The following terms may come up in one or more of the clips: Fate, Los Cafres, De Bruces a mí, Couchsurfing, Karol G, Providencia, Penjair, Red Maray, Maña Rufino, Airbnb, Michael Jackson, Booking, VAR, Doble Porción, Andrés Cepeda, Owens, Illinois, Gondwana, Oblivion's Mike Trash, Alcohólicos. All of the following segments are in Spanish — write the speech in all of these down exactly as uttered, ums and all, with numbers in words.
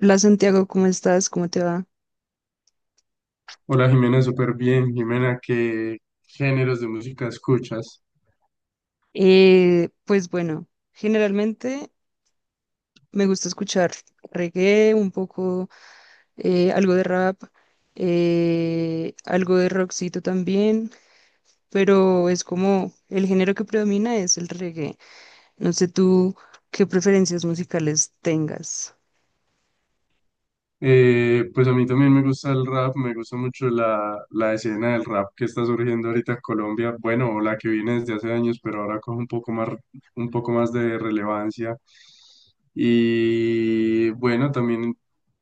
Hola Santiago, ¿cómo estás? ¿Cómo te va? Hola Jimena, súper bien. Jimena, ¿qué géneros de música escuchas? Eh, pues bueno, generalmente me gusta escuchar reggae, un poco, eh, algo de rap, eh, algo de rockcito también, pero es como el género que predomina es el reggae. No sé tú qué preferencias musicales tengas. Eh, pues a mí también me gusta el rap, me gusta mucho la, la escena del rap que está surgiendo ahorita en Colombia, bueno, o la que viene desde hace años, pero ahora con un poco más, un poco más de relevancia. Y bueno, también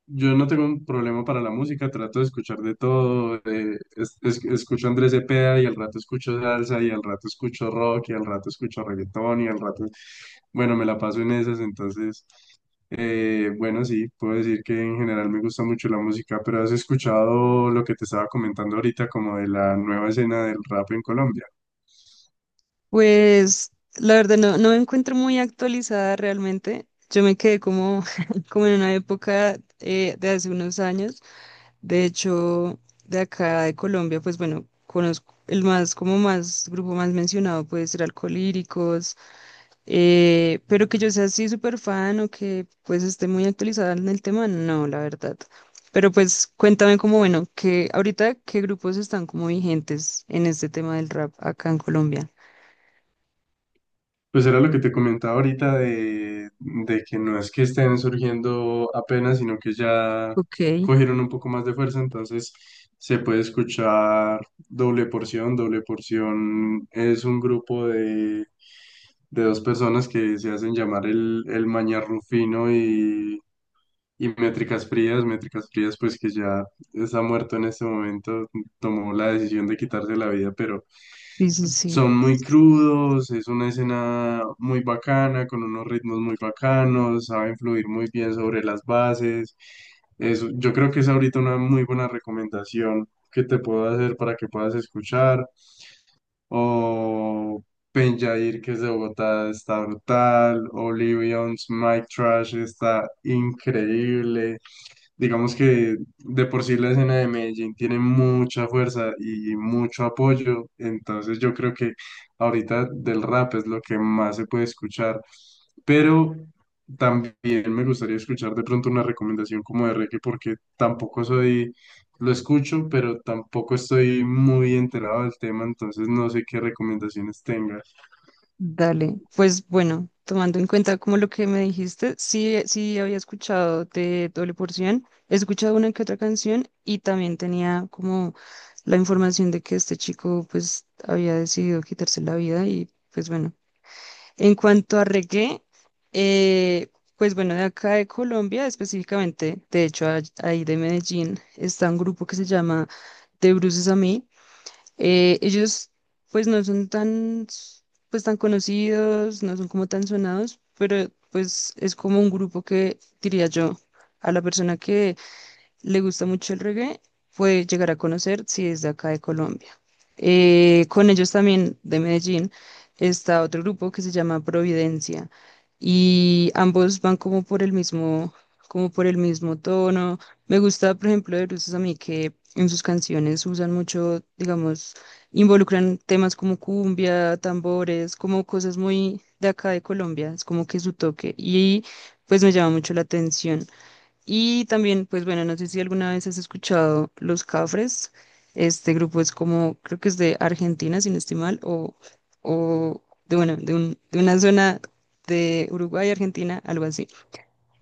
yo no tengo un problema para la música, trato de escuchar de todo, eh, es- es- escucho Andrés Cepeda y al rato escucho salsa y al rato escucho rock y al rato escucho reggaetón y al rato, bueno, me la paso en esas, entonces... Eh, bueno, sí, puedo decir que en general me gusta mucho la música, pero ¿has escuchado lo que te estaba comentando ahorita como de la nueva escena del rap en Colombia? Pues la verdad no, no me encuentro muy actualizada realmente. Yo me quedé como, como en una época eh, de hace unos años. De hecho, de acá de Colombia, pues bueno, conozco el más, como más, grupo más mencionado puede ser Alcolíricos, eh, pero que yo sea así súper fan o que pues esté muy actualizada en el tema, no, la verdad. Pero pues cuéntame como, bueno, que ahorita qué grupos están como vigentes en este tema del rap acá en Colombia. Pues era lo que te comentaba ahorita de, de que no es que estén surgiendo apenas, sino que ya Ok, sí, cogieron un poco más de fuerza, entonces se puede escuchar Doble Porción. Doble Porción es un grupo de, de dos personas que se hacen llamar el, el Maña Rufino y Y métricas frías, métricas frías, pues que ya está muerto en este momento, tomó la decisión de quitarse la vida, pero sí, sí. son muy crudos, es una escena muy bacana, con unos ritmos muy bacanos, saben fluir muy bien sobre las bases. Eso, yo creo que es ahorita una muy buena recomendación que te puedo hacer para que puedas escuchar. O Penjair, que es de Bogotá, está brutal. Oblivion's Mike Trash está increíble. Digamos que de por sí la escena de Medellín tiene mucha fuerza y mucho apoyo, entonces yo creo que ahorita del rap es lo que más se puede escuchar, pero también me gustaría escuchar de pronto una recomendación como de reggae porque tampoco soy, lo escucho, pero tampoco estoy muy enterado del tema, entonces no sé qué recomendaciones tengas. Dale, pues bueno, tomando en cuenta como lo que me dijiste, sí, sí había escuchado de Doble Porción, he escuchado una que otra canción y también tenía como la información de que este chico pues había decidido quitarse la vida y pues bueno. En cuanto a reggae, eh, pues bueno, de acá de Colombia específicamente, de hecho a- ahí de Medellín, está un grupo que se llama De Bruces a mí, eh, ellos pues no son tan, s- pues tan conocidos, no son como tan sonados, pero pues es como un grupo que diría yo a la persona que le gusta mucho el reggae, puede llegar a conocer si es de acá de Colombia. Eh, con ellos también de Medellín está otro grupo que se llama Providencia y ambos van como por el mismo, como por el mismo tono. Me gusta, por ejemplo, de Bruces a mí que en sus canciones usan mucho, digamos, involucran temas como cumbia, tambores, como cosas muy de acá de Colombia, es como que su toque y pues me llama mucho la atención. Y también, pues bueno, no sé si alguna vez has escuchado Los Cafres. Este grupo es como, creo que es de Argentina, sin no estoy mal, o, o de, bueno, de, un- de una zona de Uruguay, Argentina, algo así.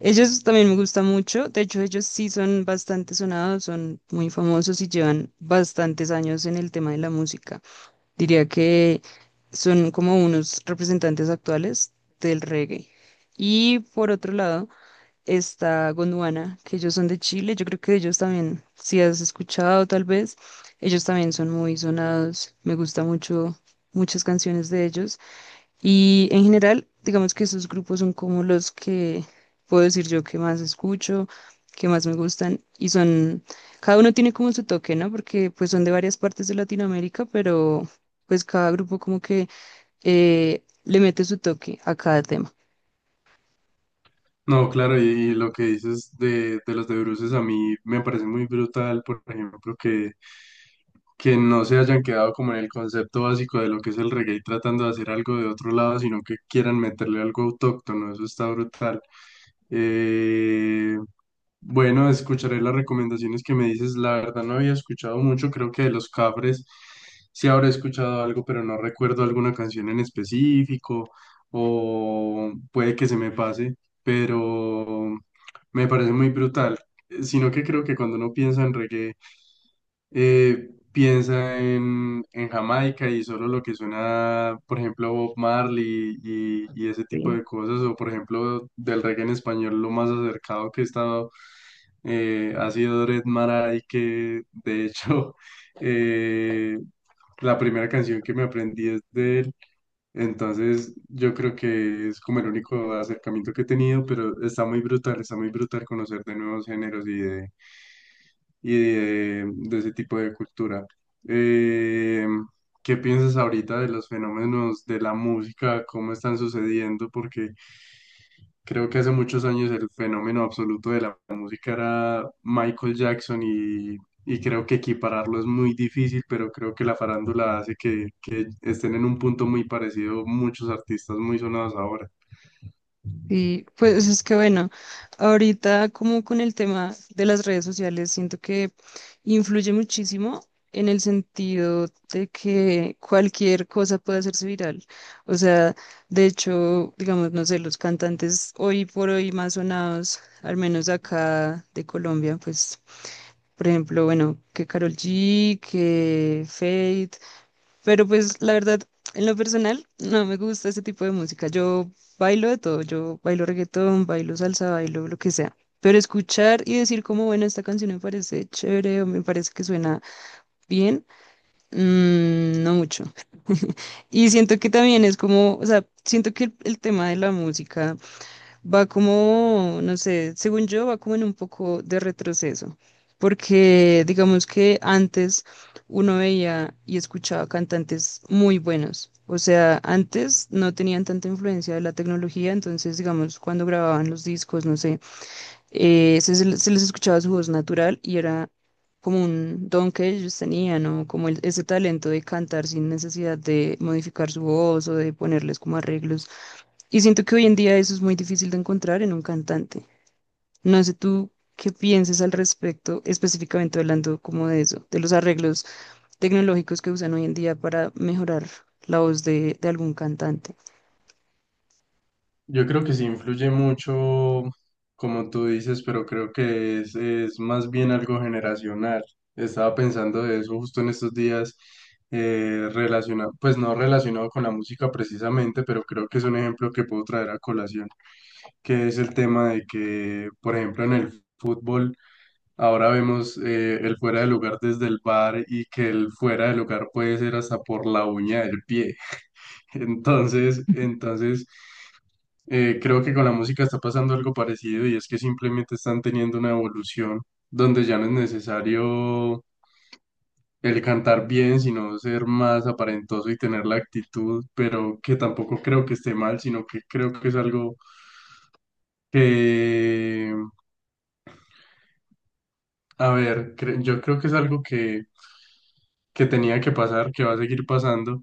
Ellos también me gustan mucho. De hecho, ellos sí son bastante sonados, son muy famosos y llevan bastantes años en el tema de la música. Diría que son como unos representantes actuales del reggae. Y por otro lado está Gondwana, que ellos son de Chile, yo creo que ellos también, si has escuchado tal vez, ellos también son muy sonados, me gusta mucho muchas canciones de ellos y en general, digamos que esos grupos son como los que puedo decir yo que más escucho, que más me gustan y son, cada uno tiene como su toque, ¿no? Porque pues son de varias partes de Latinoamérica, pero pues cada grupo como que eh, le mete su toque a cada tema. No, claro, y, y lo que dices de, de los de bruces a mí me parece muy brutal, por ejemplo, que, que no se hayan quedado como en el concepto básico de lo que es el reggae tratando de hacer algo de otro lado, sino que quieran meterle algo autóctono, eso está brutal. Eh, bueno, escucharé las recomendaciones que me dices, la verdad no había escuchado mucho, creo que de los Cafres sí habré escuchado algo, pero no recuerdo alguna canción en específico o puede que se me pase pero me parece muy brutal. Eh, Sino que creo que cuando uno piensa en reggae, eh, piensa en, en Jamaica y solo lo que suena, por ejemplo, Bob Marley y, y ese ¿Sí? tipo de cosas, o por ejemplo, del reggae en español, lo más acercado que he estado eh, ha sido Red Maray, que de hecho eh, la primera canción que me aprendí es de él. Entonces, yo creo que es como el único acercamiento que he tenido, pero está muy brutal, está muy brutal conocer de nuevos géneros y de, y de, de ese tipo de cultura. Eh, ¿qué piensas ahorita de los fenómenos de la música? ¿Cómo están sucediendo? Porque creo que hace muchos años el fenómeno absoluto de la música era Michael Jackson y y creo que equipararlo es muy difícil, pero creo que la farándula hace que, que estén en un punto muy parecido muchos artistas muy sonados ahora. Sí, pues es que bueno, ahorita como con el tema de las redes sociales, siento que influye muchísimo en el sentido de que cualquier cosa puede hacerse viral. O sea, de hecho, digamos, no sé, los cantantes hoy por hoy más sonados, al menos acá de Colombia, pues, por ejemplo, bueno, que Karol G, que Fate. Pero pues la verdad, en lo personal, no me gusta ese tipo de música. Yo bailo de todo, yo bailo reggaetón, bailo salsa, bailo lo que sea. Pero escuchar y decir como, bueno, esta canción me parece chévere o me parece que suena bien, mm, no mucho. Y siento que también es como, o sea, siento que el, el tema de la música va como, no sé, según yo, va como en un poco de retroceso, porque digamos que antes uno veía y escuchaba cantantes muy buenos. O sea, antes no tenían tanta influencia de la tecnología, entonces, digamos, cuando grababan los discos, no sé, eh, se, se les se les escuchaba su voz natural y era como un don que ellos tenían, ¿no? Como el- ese talento de cantar sin necesidad de modificar su voz o de ponerles como arreglos. Y siento que hoy en día eso es muy difícil de encontrar en un cantante. No sé tú qué pienses al respecto, específicamente hablando como de eso, de los arreglos tecnológicos que usan hoy en día para mejorar la voz de, de algún cantante. Yo creo que sí influye mucho, como tú dices, pero creo que es, es más bien algo generacional. Estaba pensando de eso justo en estos días, eh, relacionado, pues no relacionado con la música precisamente, pero creo que es un ejemplo que puedo traer a colación. Que es el tema de que, por ejemplo, en el fútbol ahora vemos eh, el fuera de lugar desde el VAR y que el fuera de lugar puede ser hasta por la uña del pie. Entonces, entonces eh, creo que con la música está pasando algo parecido y es que simplemente están teniendo una evolución donde ya no es necesario el cantar bien, sino ser más aparentoso y tener la actitud, pero que tampoco creo que esté mal, sino que creo que es algo que a ver, cre- yo creo que es algo que, que tenía que pasar, que va a seguir pasando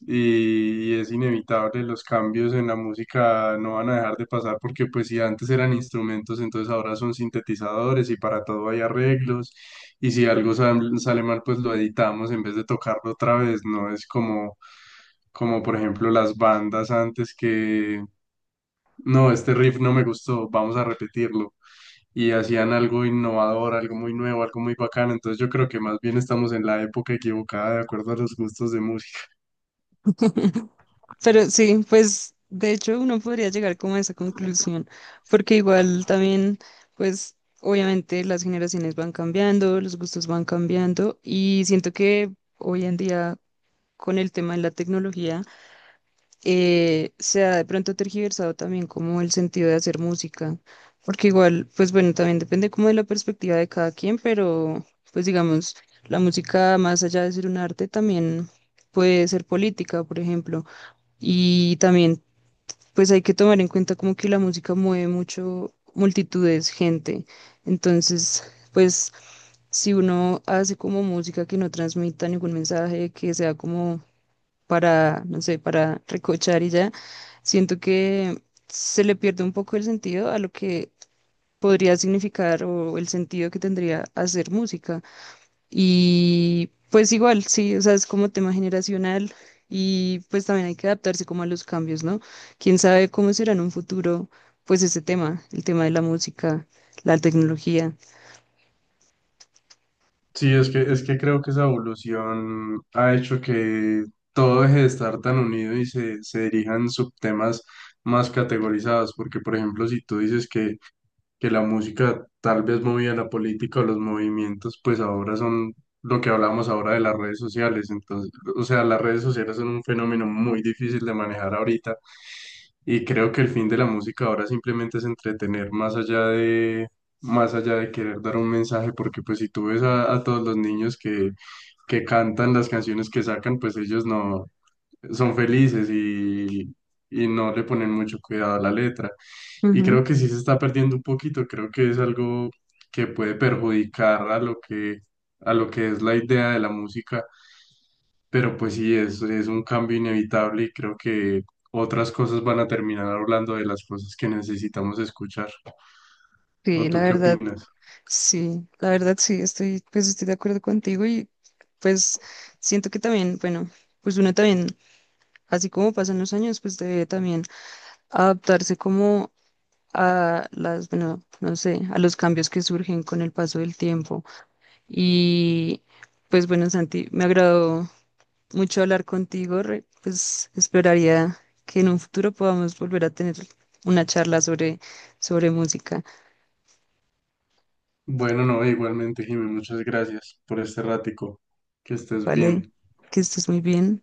y, y es inevitable. Los cambios en la música no van a dejar de pasar porque pues si antes eran instrumentos, entonces ahora son sintetizadores y para todo hay arreglos y si algo sal- sale mal, pues lo editamos en vez de tocarlo otra vez. No es como, como por ejemplo las bandas antes que no, este riff no me gustó, vamos a repetirlo. Y hacían algo innovador, algo muy nuevo, algo muy bacano. Entonces yo creo que más bien estamos en la época equivocada de acuerdo a los gustos de música. Pero sí, pues de hecho uno podría llegar como a esa conclusión, porque igual también, pues obviamente las generaciones van cambiando, los gustos van cambiando y siento que hoy en día con el tema de la tecnología eh, se ha de pronto tergiversado también como el sentido de hacer música, porque igual, pues bueno, también depende como de la perspectiva de cada quien, pero pues digamos, la música más allá de ser un arte también puede ser política, por ejemplo, y también pues hay que tomar en cuenta como que la música mueve mucho multitudes, gente, entonces pues si uno hace como música que no transmita ningún mensaje, que sea como para, no sé, para recochar y ya, siento que se le pierde un poco el sentido a lo que podría significar o el sentido que tendría hacer música. Y pues igual, sí, o sea, es como tema generacional y pues también hay que adaptarse como a los cambios, ¿no? Quién sabe cómo será en un futuro, pues ese tema, el tema de la música, la tecnología. Sí, es que, es que creo que esa evolución ha hecho que todo deje de estar tan unido y se, se dirijan subtemas más categorizados, porque por ejemplo, si tú dices que que la música tal vez movía la política o los movimientos, pues ahora son lo que hablamos ahora de las redes sociales. Entonces, o sea, las redes sociales son un fenómeno muy difícil de manejar ahorita y creo que el fin de la música ahora simplemente es entretener más allá de... más allá de querer dar un mensaje, porque pues si tú ves a, a todos los niños que, que cantan las canciones que sacan, pues ellos no son felices y, y no le ponen mucho cuidado a la letra. Y Ujú. creo que sí se está perdiendo un poquito, creo que es algo que puede perjudicar a lo que, a lo que es la idea de la música, pero pues sí, es, es un cambio inevitable y creo que otras cosas van a terminar hablando de las cosas que necesitamos escuchar. ¿O Sí, la tú qué verdad. opinas? Sí, la verdad sí, estoy, pues estoy de acuerdo contigo y pues siento que también, bueno, pues uno también, así como pasan los años, pues debe también adaptarse como a las, bueno, no sé, a los cambios que surgen con el paso del tiempo. Y pues bueno, Santi, me agradó mucho hablar contigo, re- pues esperaría que en un futuro podamos volver a tener una charla sobre, sobre música, Bueno, no, igualmente, Jimmy, muchas gracias por este ratico. Que estés ¿vale? bien. Que estés muy bien.